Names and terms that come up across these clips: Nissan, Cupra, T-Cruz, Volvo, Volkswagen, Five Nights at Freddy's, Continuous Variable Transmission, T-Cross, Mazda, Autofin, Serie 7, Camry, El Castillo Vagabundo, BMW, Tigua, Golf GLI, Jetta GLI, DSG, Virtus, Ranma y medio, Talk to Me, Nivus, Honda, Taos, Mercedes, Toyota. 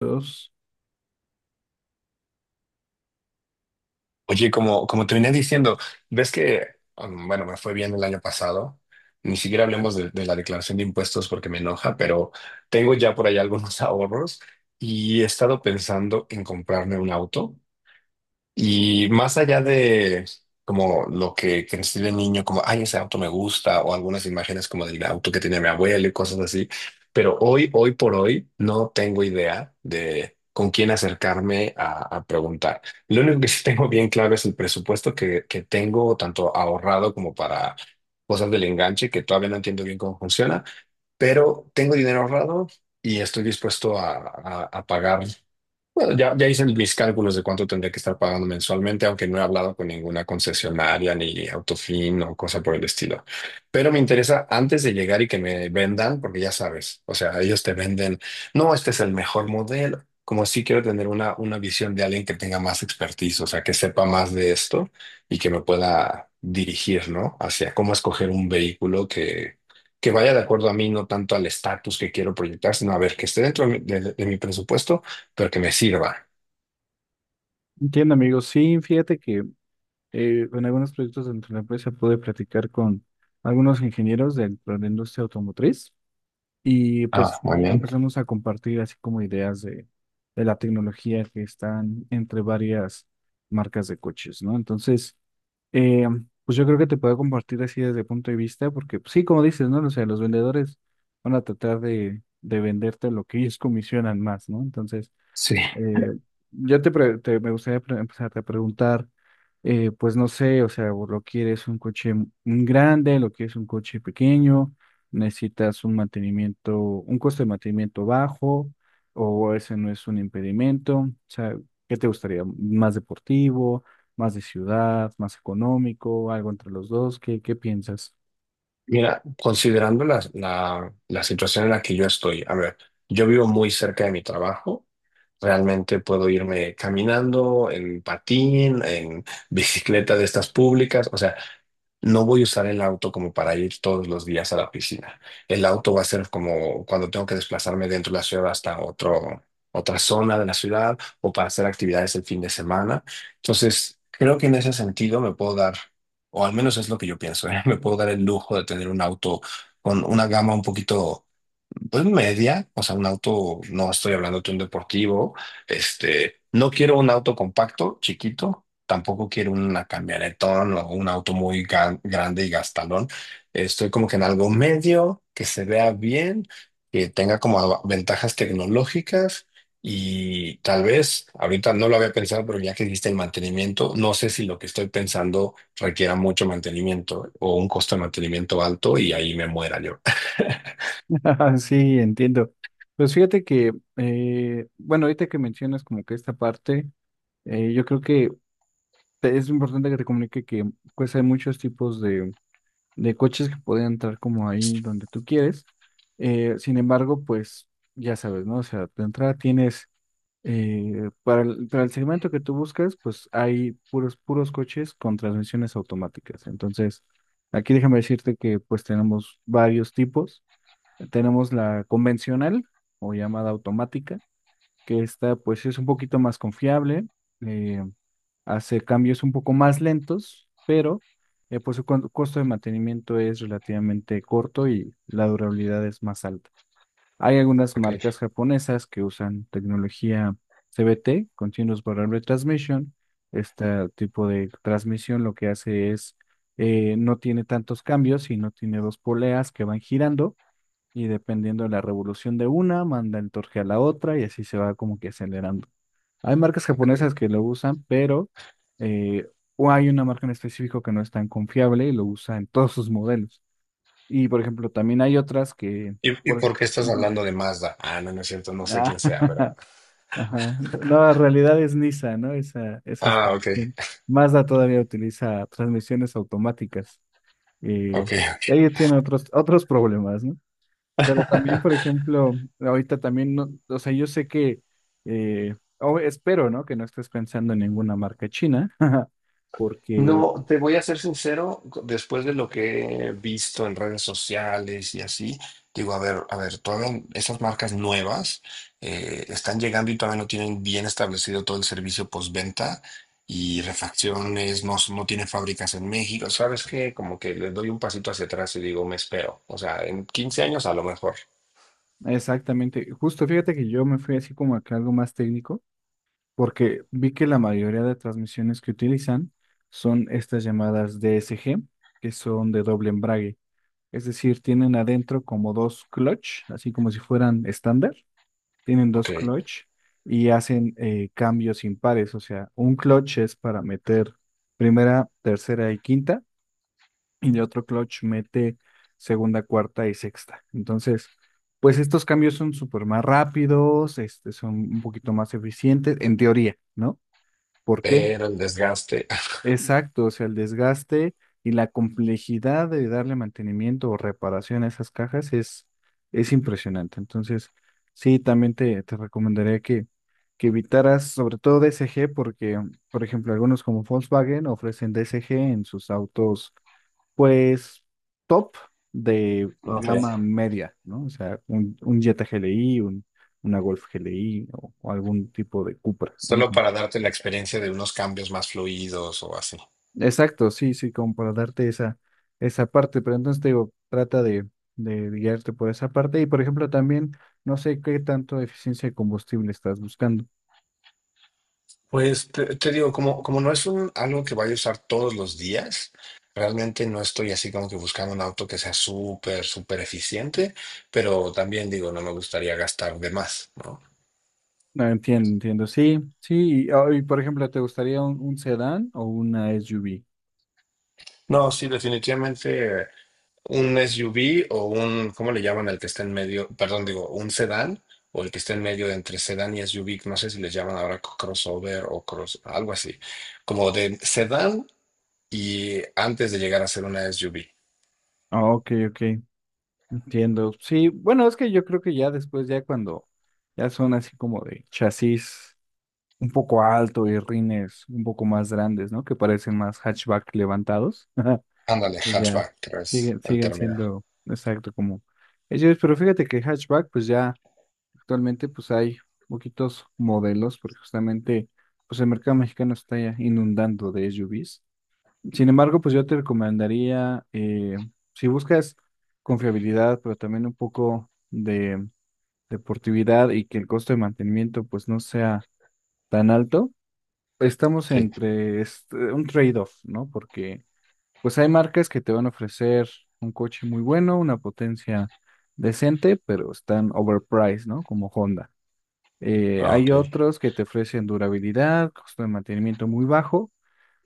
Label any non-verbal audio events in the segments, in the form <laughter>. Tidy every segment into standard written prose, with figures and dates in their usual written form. Dos. Oye, como te venía diciendo, ves que, bueno, me fue bien el año pasado. Ni siquiera hablemos de la declaración de impuestos porque me enoja, pero tengo ya por ahí algunos <laughs> ahorros y he estado pensando en comprarme un auto. Y más allá de como lo que crecí de niño, como, ay, ese auto me gusta, o algunas imágenes como del auto que tenía mi abuelo y cosas así, pero hoy por hoy, no tengo idea de con quién acercarme a preguntar. Lo único que sí tengo bien claro es el presupuesto que tengo, tanto ahorrado como para cosas del enganche, que todavía no entiendo bien cómo funciona, pero tengo dinero ahorrado y estoy dispuesto a pagar. Bueno, ya hice mis cálculos de cuánto tendría que estar pagando mensualmente, aunque no he hablado con ninguna concesionaria ni Autofin o cosa por el estilo. Pero me interesa antes de llegar y que me vendan, porque ya sabes, o sea, ellos te venden, no, este es el mejor modelo. Como si quiero tener una visión de alguien que tenga más expertise, o sea, que sepa más de esto y que me pueda dirigir, ¿no? Hacia cómo escoger un vehículo que vaya de acuerdo a mí, no tanto al estatus que quiero proyectar, sino a ver, que esté dentro de mi de mi presupuesto pero que me sirva. Entiendo, amigos. Sí, fíjate que en algunos proyectos dentro de la empresa pude platicar con algunos ingenieros dentro de la industria automotriz y Ah, pues muy bien. empezamos a compartir así como ideas de la tecnología que están entre varias marcas de coches, ¿no? Entonces, eh, pues yo creo que te puedo compartir así desde el punto de vista porque pues, sí, como dices, ¿no? O sea, los vendedores van a tratar de venderte lo que ellos comisionan más, ¿no? Entonces. Sí. Eh, Me gustaría empezarte a preguntar, pues no sé, o sea, o lo quieres un coche un grande, lo quieres un coche pequeño, necesitas un mantenimiento, un costo de mantenimiento bajo, o ese no es un impedimento, o sea, ¿qué te gustaría? ¿Más deportivo, más de ciudad, más económico, algo entre los dos? ¿Qué piensas? Mira, considerando la situación en la que yo estoy, a ver, yo vivo muy cerca de mi trabajo. Realmente puedo irme caminando, en patín, en bicicleta de estas públicas. O sea, no voy a usar el auto como para ir todos los días a la piscina. El auto va a ser como cuando tengo que desplazarme dentro de la ciudad hasta otra zona de la ciudad o para hacer actividades el fin de semana. Entonces, creo que en ese sentido me puedo dar, o al menos es lo que yo pienso, ¿eh? <laughs> Me puedo dar el lujo de tener un auto con una gama un poquito pues media, o sea, un auto, no estoy hablando de un deportivo, este, no quiero un auto compacto, chiquito, tampoco quiero una camionetón o un auto muy grande y gastalón. Estoy como que en algo medio, que se vea bien, que tenga como ventajas tecnológicas y tal vez, ahorita no lo había pensado, pero ya que dijiste el mantenimiento, no sé si lo que estoy pensando requiera mucho mantenimiento o un costo de mantenimiento alto y ahí me muera yo. <laughs> <laughs> Sí, entiendo. Pues fíjate que, bueno, ahorita que mencionas como que esta parte, yo creo que es importante que te comunique que pues hay muchos tipos de coches que pueden entrar como ahí donde tú quieres. Sin embargo, pues ya sabes, ¿no? O sea, de entrada tienes, para el segmento que tú buscas, pues hay puros, puros coches con transmisiones automáticas. Entonces, aquí déjame decirte que pues tenemos varios tipos. Tenemos la convencional o llamada automática, que esta pues es un poquito más confiable. eh, Hace cambios un poco más lentos, pero pues su costo de mantenimiento es relativamente corto y la durabilidad es más alta. Hay algunas marcas Ok, japonesas que usan tecnología CVT, Continuous Variable Transmission. Este tipo de transmisión lo que hace es, no tiene tantos cambios y no tiene dos poleas que van girando y dependiendo de la revolución de una, manda el torque a la otra y así se va como que acelerando. Hay marcas ok. japonesas que lo usan, pero eh, o hay una marca en específico que no es tan confiable y lo usa en todos sus modelos. Y por ejemplo, también hay otras que. ¿Y por- por qué estás Ujú. hablando de Mazda? Ah, no, no es cierto, no sé quién Ah, sea, pero... <laughs> ajá. No, en realidad es Nissan, ¿no? Esa es Ah, ok, transmisión. Mazda todavía utiliza transmisiones automáticas. Eh, ok, Ella tiene otros problemas, ¿no? Pero también, ok. por <laughs> ejemplo, ahorita también, no, o sea, yo sé que, o espero, ¿no? Que no estés pensando en ninguna marca china, <laughs> porque No, te voy a ser sincero, después de lo que he visto en redes sociales y así, digo, a ver, todavía esas marcas nuevas están llegando y todavía no tienen bien establecido todo el servicio postventa y refacciones, no, no tienen fábricas en México, ¿sabes qué? Como que les doy un pasito hacia atrás y digo, me espero. O sea, en 15 años a lo mejor, exactamente, justo fíjate que yo me fui así como acá algo más técnico, porque vi que la mayoría de transmisiones que utilizan son estas llamadas DSG, que son de doble embrague, es decir, tienen adentro como dos clutch, así como si fueran estándar tienen ok, dos clutch y hacen cambios impares. O sea, un clutch es para meter primera, tercera y quinta, y el otro clutch mete segunda, cuarta y sexta. Entonces, pues estos cambios son súper más rápidos, este, son un poquito más eficientes, en teoría, ¿no? ¿Por qué? pero el desgaste. Exacto, o sea, el desgaste y la complejidad de darle mantenimiento o reparación a esas cajas es impresionante. Entonces, sí, también te recomendaría que evitaras sobre todo DSG porque, por ejemplo, algunos como Volkswagen ofrecen DSG en sus autos, pues, top de Ok. gama media, ¿no? O sea, un, Jetta GLI, un, una Golf GLI o algún tipo de Cupra. Solo Ujú. para darte la experiencia de unos cambios más fluidos o así. Exacto, sí, sí, como para darte esa parte, pero entonces te digo, trata de guiarte por esa parte y, por ejemplo, también, no sé qué tanto eficiencia de combustible estás buscando. Pues te digo, como no es un, algo que vaya a usar todos los días, realmente no estoy así como que buscando un auto que sea súper, súper eficiente, pero también digo, no me gustaría gastar de más, ¿no? No, entiendo, entiendo. Sí, sí. Y, por ejemplo, ¿te gustaría un sedán o una SUV? No, sí, definitivamente un SUV o un, ¿cómo le llaman al que está en medio? Perdón, digo, un sedán o el que está en medio de entre sedán y SUV, no sé si les llaman ahora crossover o cross, algo así, como de sedán y antes de llegar a ser una SUV. Ah, ok, ok. Entiendo. Sí, bueno, es que yo creo que ya después, ya cuando ya son así como de chasis un poco alto y rines un poco más grandes, ¿no? Que parecen más hatchback levantados. <laughs> Ándale, Pues ya, hatchback, creo es siguen, el siguen término. siendo, exacto, como ellos. Pero fíjate que hatchback, pues ya. Actualmente pues hay poquitos modelos porque justamente pues el mercado mexicano está ya inundando de SUVs. Sin embargo, pues yo te recomendaría, si buscas confiabilidad, pero también un poco de deportividad y que el costo de mantenimiento pues no sea tan alto, estamos Sí. entre este, un trade-off, ¿no? Porque pues hay marcas que te van a ofrecer un coche muy bueno, una potencia decente, pero están overpriced, ¿no? Como Honda. Ah, ok. Hay otros que te ofrecen durabilidad, costo de mantenimiento muy bajo,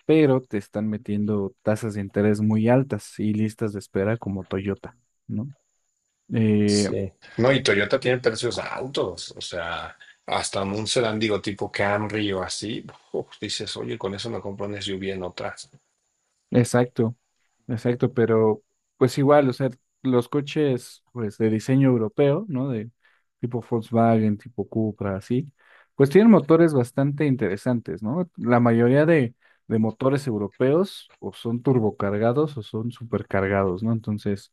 pero te están metiendo tasas de interés muy altas y listas de espera como Toyota, ¿no? Eh, Sí. No, y Toyota tiene precios altos, o sea, hasta un sedán, digo, tipo Camry o así, uf, dices, oye, con eso me compro un SUV en otra. exacto, exacto, pero pues igual, o sea, los coches pues de diseño europeo, ¿no? De tipo Volkswagen, tipo Cupra, así, pues tienen motores bastante interesantes, ¿no? La mayoría de motores europeos o son turbocargados o son supercargados, ¿no? Entonces.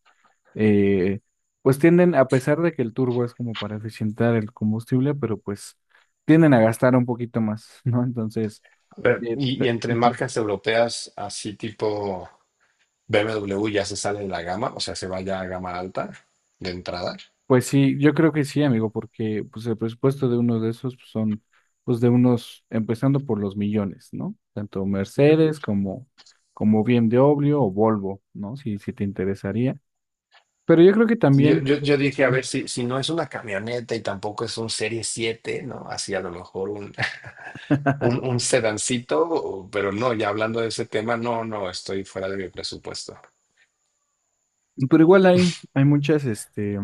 eh, pues tienden, a pesar de que el turbo es como para eficientar el combustible, pero pues tienden a gastar un poquito más, <laughs> ¿no? Entonces, Y entre ujú. marcas europeas, así tipo BMW ya se sale de la gama, o sea, se va ya a gama alta de entrada. Pues sí, yo creo que sí, amigo, porque pues el presupuesto de uno de esos pues, son pues de unos, empezando por los millones, ¿no? Tanto Uy. Mercedes como, BMW o Volvo, ¿no? Si, si te interesaría. Pero yo creo que Yo, también. yo, yo dije, a ver, si, si no es una camioneta y tampoco es un Serie 7, ¿no? Así a lo mejor <laughs> un sedancito, pero no, ya hablando de ese tema, no, no, estoy fuera de mi presupuesto. Pero igual hay muchas, este,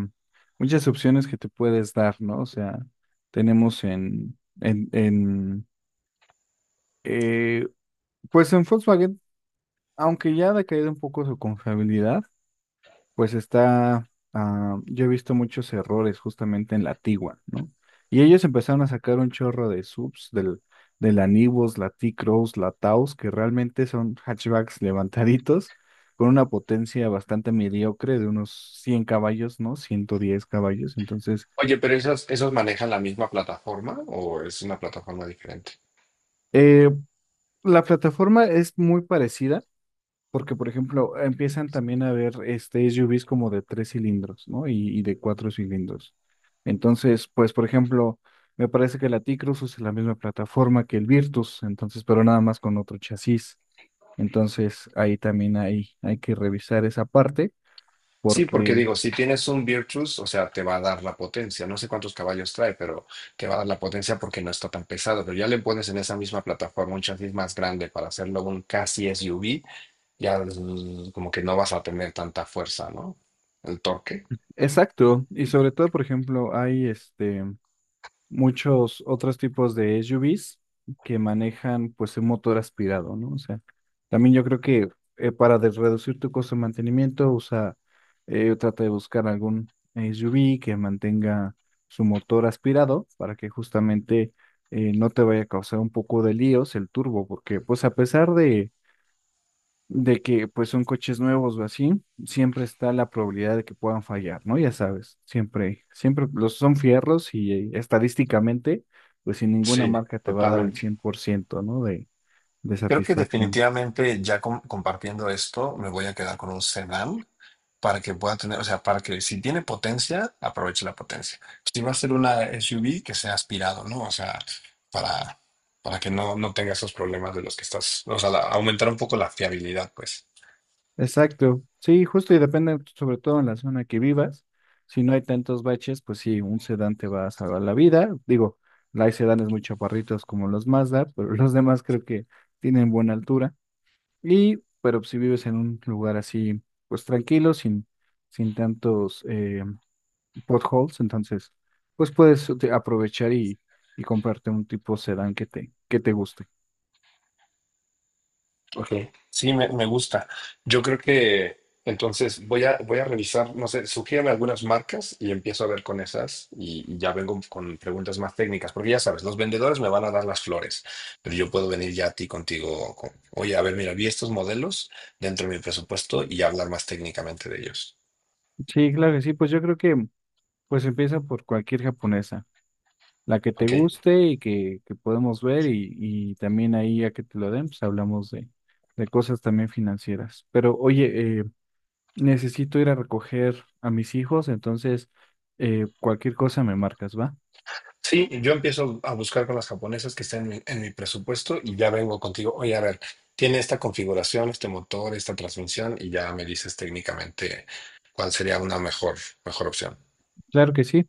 muchas opciones que te puedes dar, ¿no? O sea, tenemos en eh, pues en Volkswagen, aunque ya ha decaído un poco su confiabilidad, pues está, ah, yo he visto muchos errores justamente en la Tigua, ¿no? Y ellos empezaron a sacar un chorro de subs del, de la Nivus, la T-Cross, la Taos, que realmente son hatchbacks levantaditos con una potencia bastante mediocre de unos 100 caballos, ¿no? 110 caballos. Entonces, ¿Oye, pero esos manejan la misma plataforma o es una plataforma diferente? eh, la plataforma es muy parecida. Porque, por ejemplo, empiezan también a ver este SUVs como de tres cilindros, ¿no? Y, de cuatro cilindros. Entonces, pues, por ejemplo, me parece que la T-Cruz usa la misma plataforma que el Virtus, entonces, pero nada más con otro chasis. Entonces, ahí también hay que revisar esa parte, Sí, porque porque, digo, si tienes un Virtus, o sea, te va a dar la potencia. No sé cuántos caballos trae, pero te va a dar la potencia porque no está tan pesado. Pero ya le pones en esa misma plataforma un chasis más grande para hacerlo un casi SUV, ya como que no vas a tener tanta fuerza, ¿no? El torque. exacto, y sobre todo, por ejemplo, hay este, muchos otros tipos de SUVs que manejan pues un motor aspirado, ¿no? O sea, también yo creo que para reducir tu costo de mantenimiento, usa, trata de buscar algún SUV que mantenga su motor aspirado para que justamente no te vaya a causar un poco de líos el turbo, porque pues a pesar de que pues son coches nuevos o así, siempre está la probabilidad de que puedan fallar, ¿no? Ya sabes, siempre, siempre los son fierros y estadísticamente, pues sin ninguna Sí, marca te va a dar el cien totalmente. por ciento ¿no? De Creo que satisfacción. definitivamente ya compartiendo esto, me voy a quedar con un sedán para que pueda tener, o sea, para que si tiene potencia, aproveche la potencia. Si va a ser una SUV, que sea aspirado, ¿no? O sea, para, para que no, no tenga esos problemas de los que estás, o sea, aumentar un poco la fiabilidad, pues. Exacto, sí, justo y depende sobre todo en la zona que vivas. Si no hay tantos baches, pues sí, un sedán te va a salvar la vida. Digo, hay sedanes muy chaparritos como los Mazda, pero los demás creo que tienen buena altura. Y, pero si vives en un lugar así, pues tranquilo, sin tantos potholes, entonces, pues puedes aprovechar y comprarte un tipo sedán que te guste. Ok, sí, me gusta. Yo creo que entonces voy a revisar, no sé, sugiérame algunas marcas y empiezo a ver con esas y ya vengo con preguntas más técnicas, porque ya sabes, los vendedores me van a dar las flores, pero yo puedo venir ya a ti contigo, con, oye, a ver, mira, vi estos modelos dentro de mi presupuesto y hablar más técnicamente de ellos. Sí, claro que sí, pues yo creo que pues empieza por cualquier japonesa, la que te Ok, guste y que podemos ver y también ahí a que te lo den, pues hablamos de cosas también financieras. Pero oye, necesito ir a recoger a mis hijos, entonces cualquier cosa me marcas, ¿va? sí, yo empiezo a buscar con las japonesas que estén en mi presupuesto y ya vengo contigo. Oye, a ver, tiene esta configuración, este motor, esta transmisión y ya me dices técnicamente cuál sería una mejor opción. Claro que sí.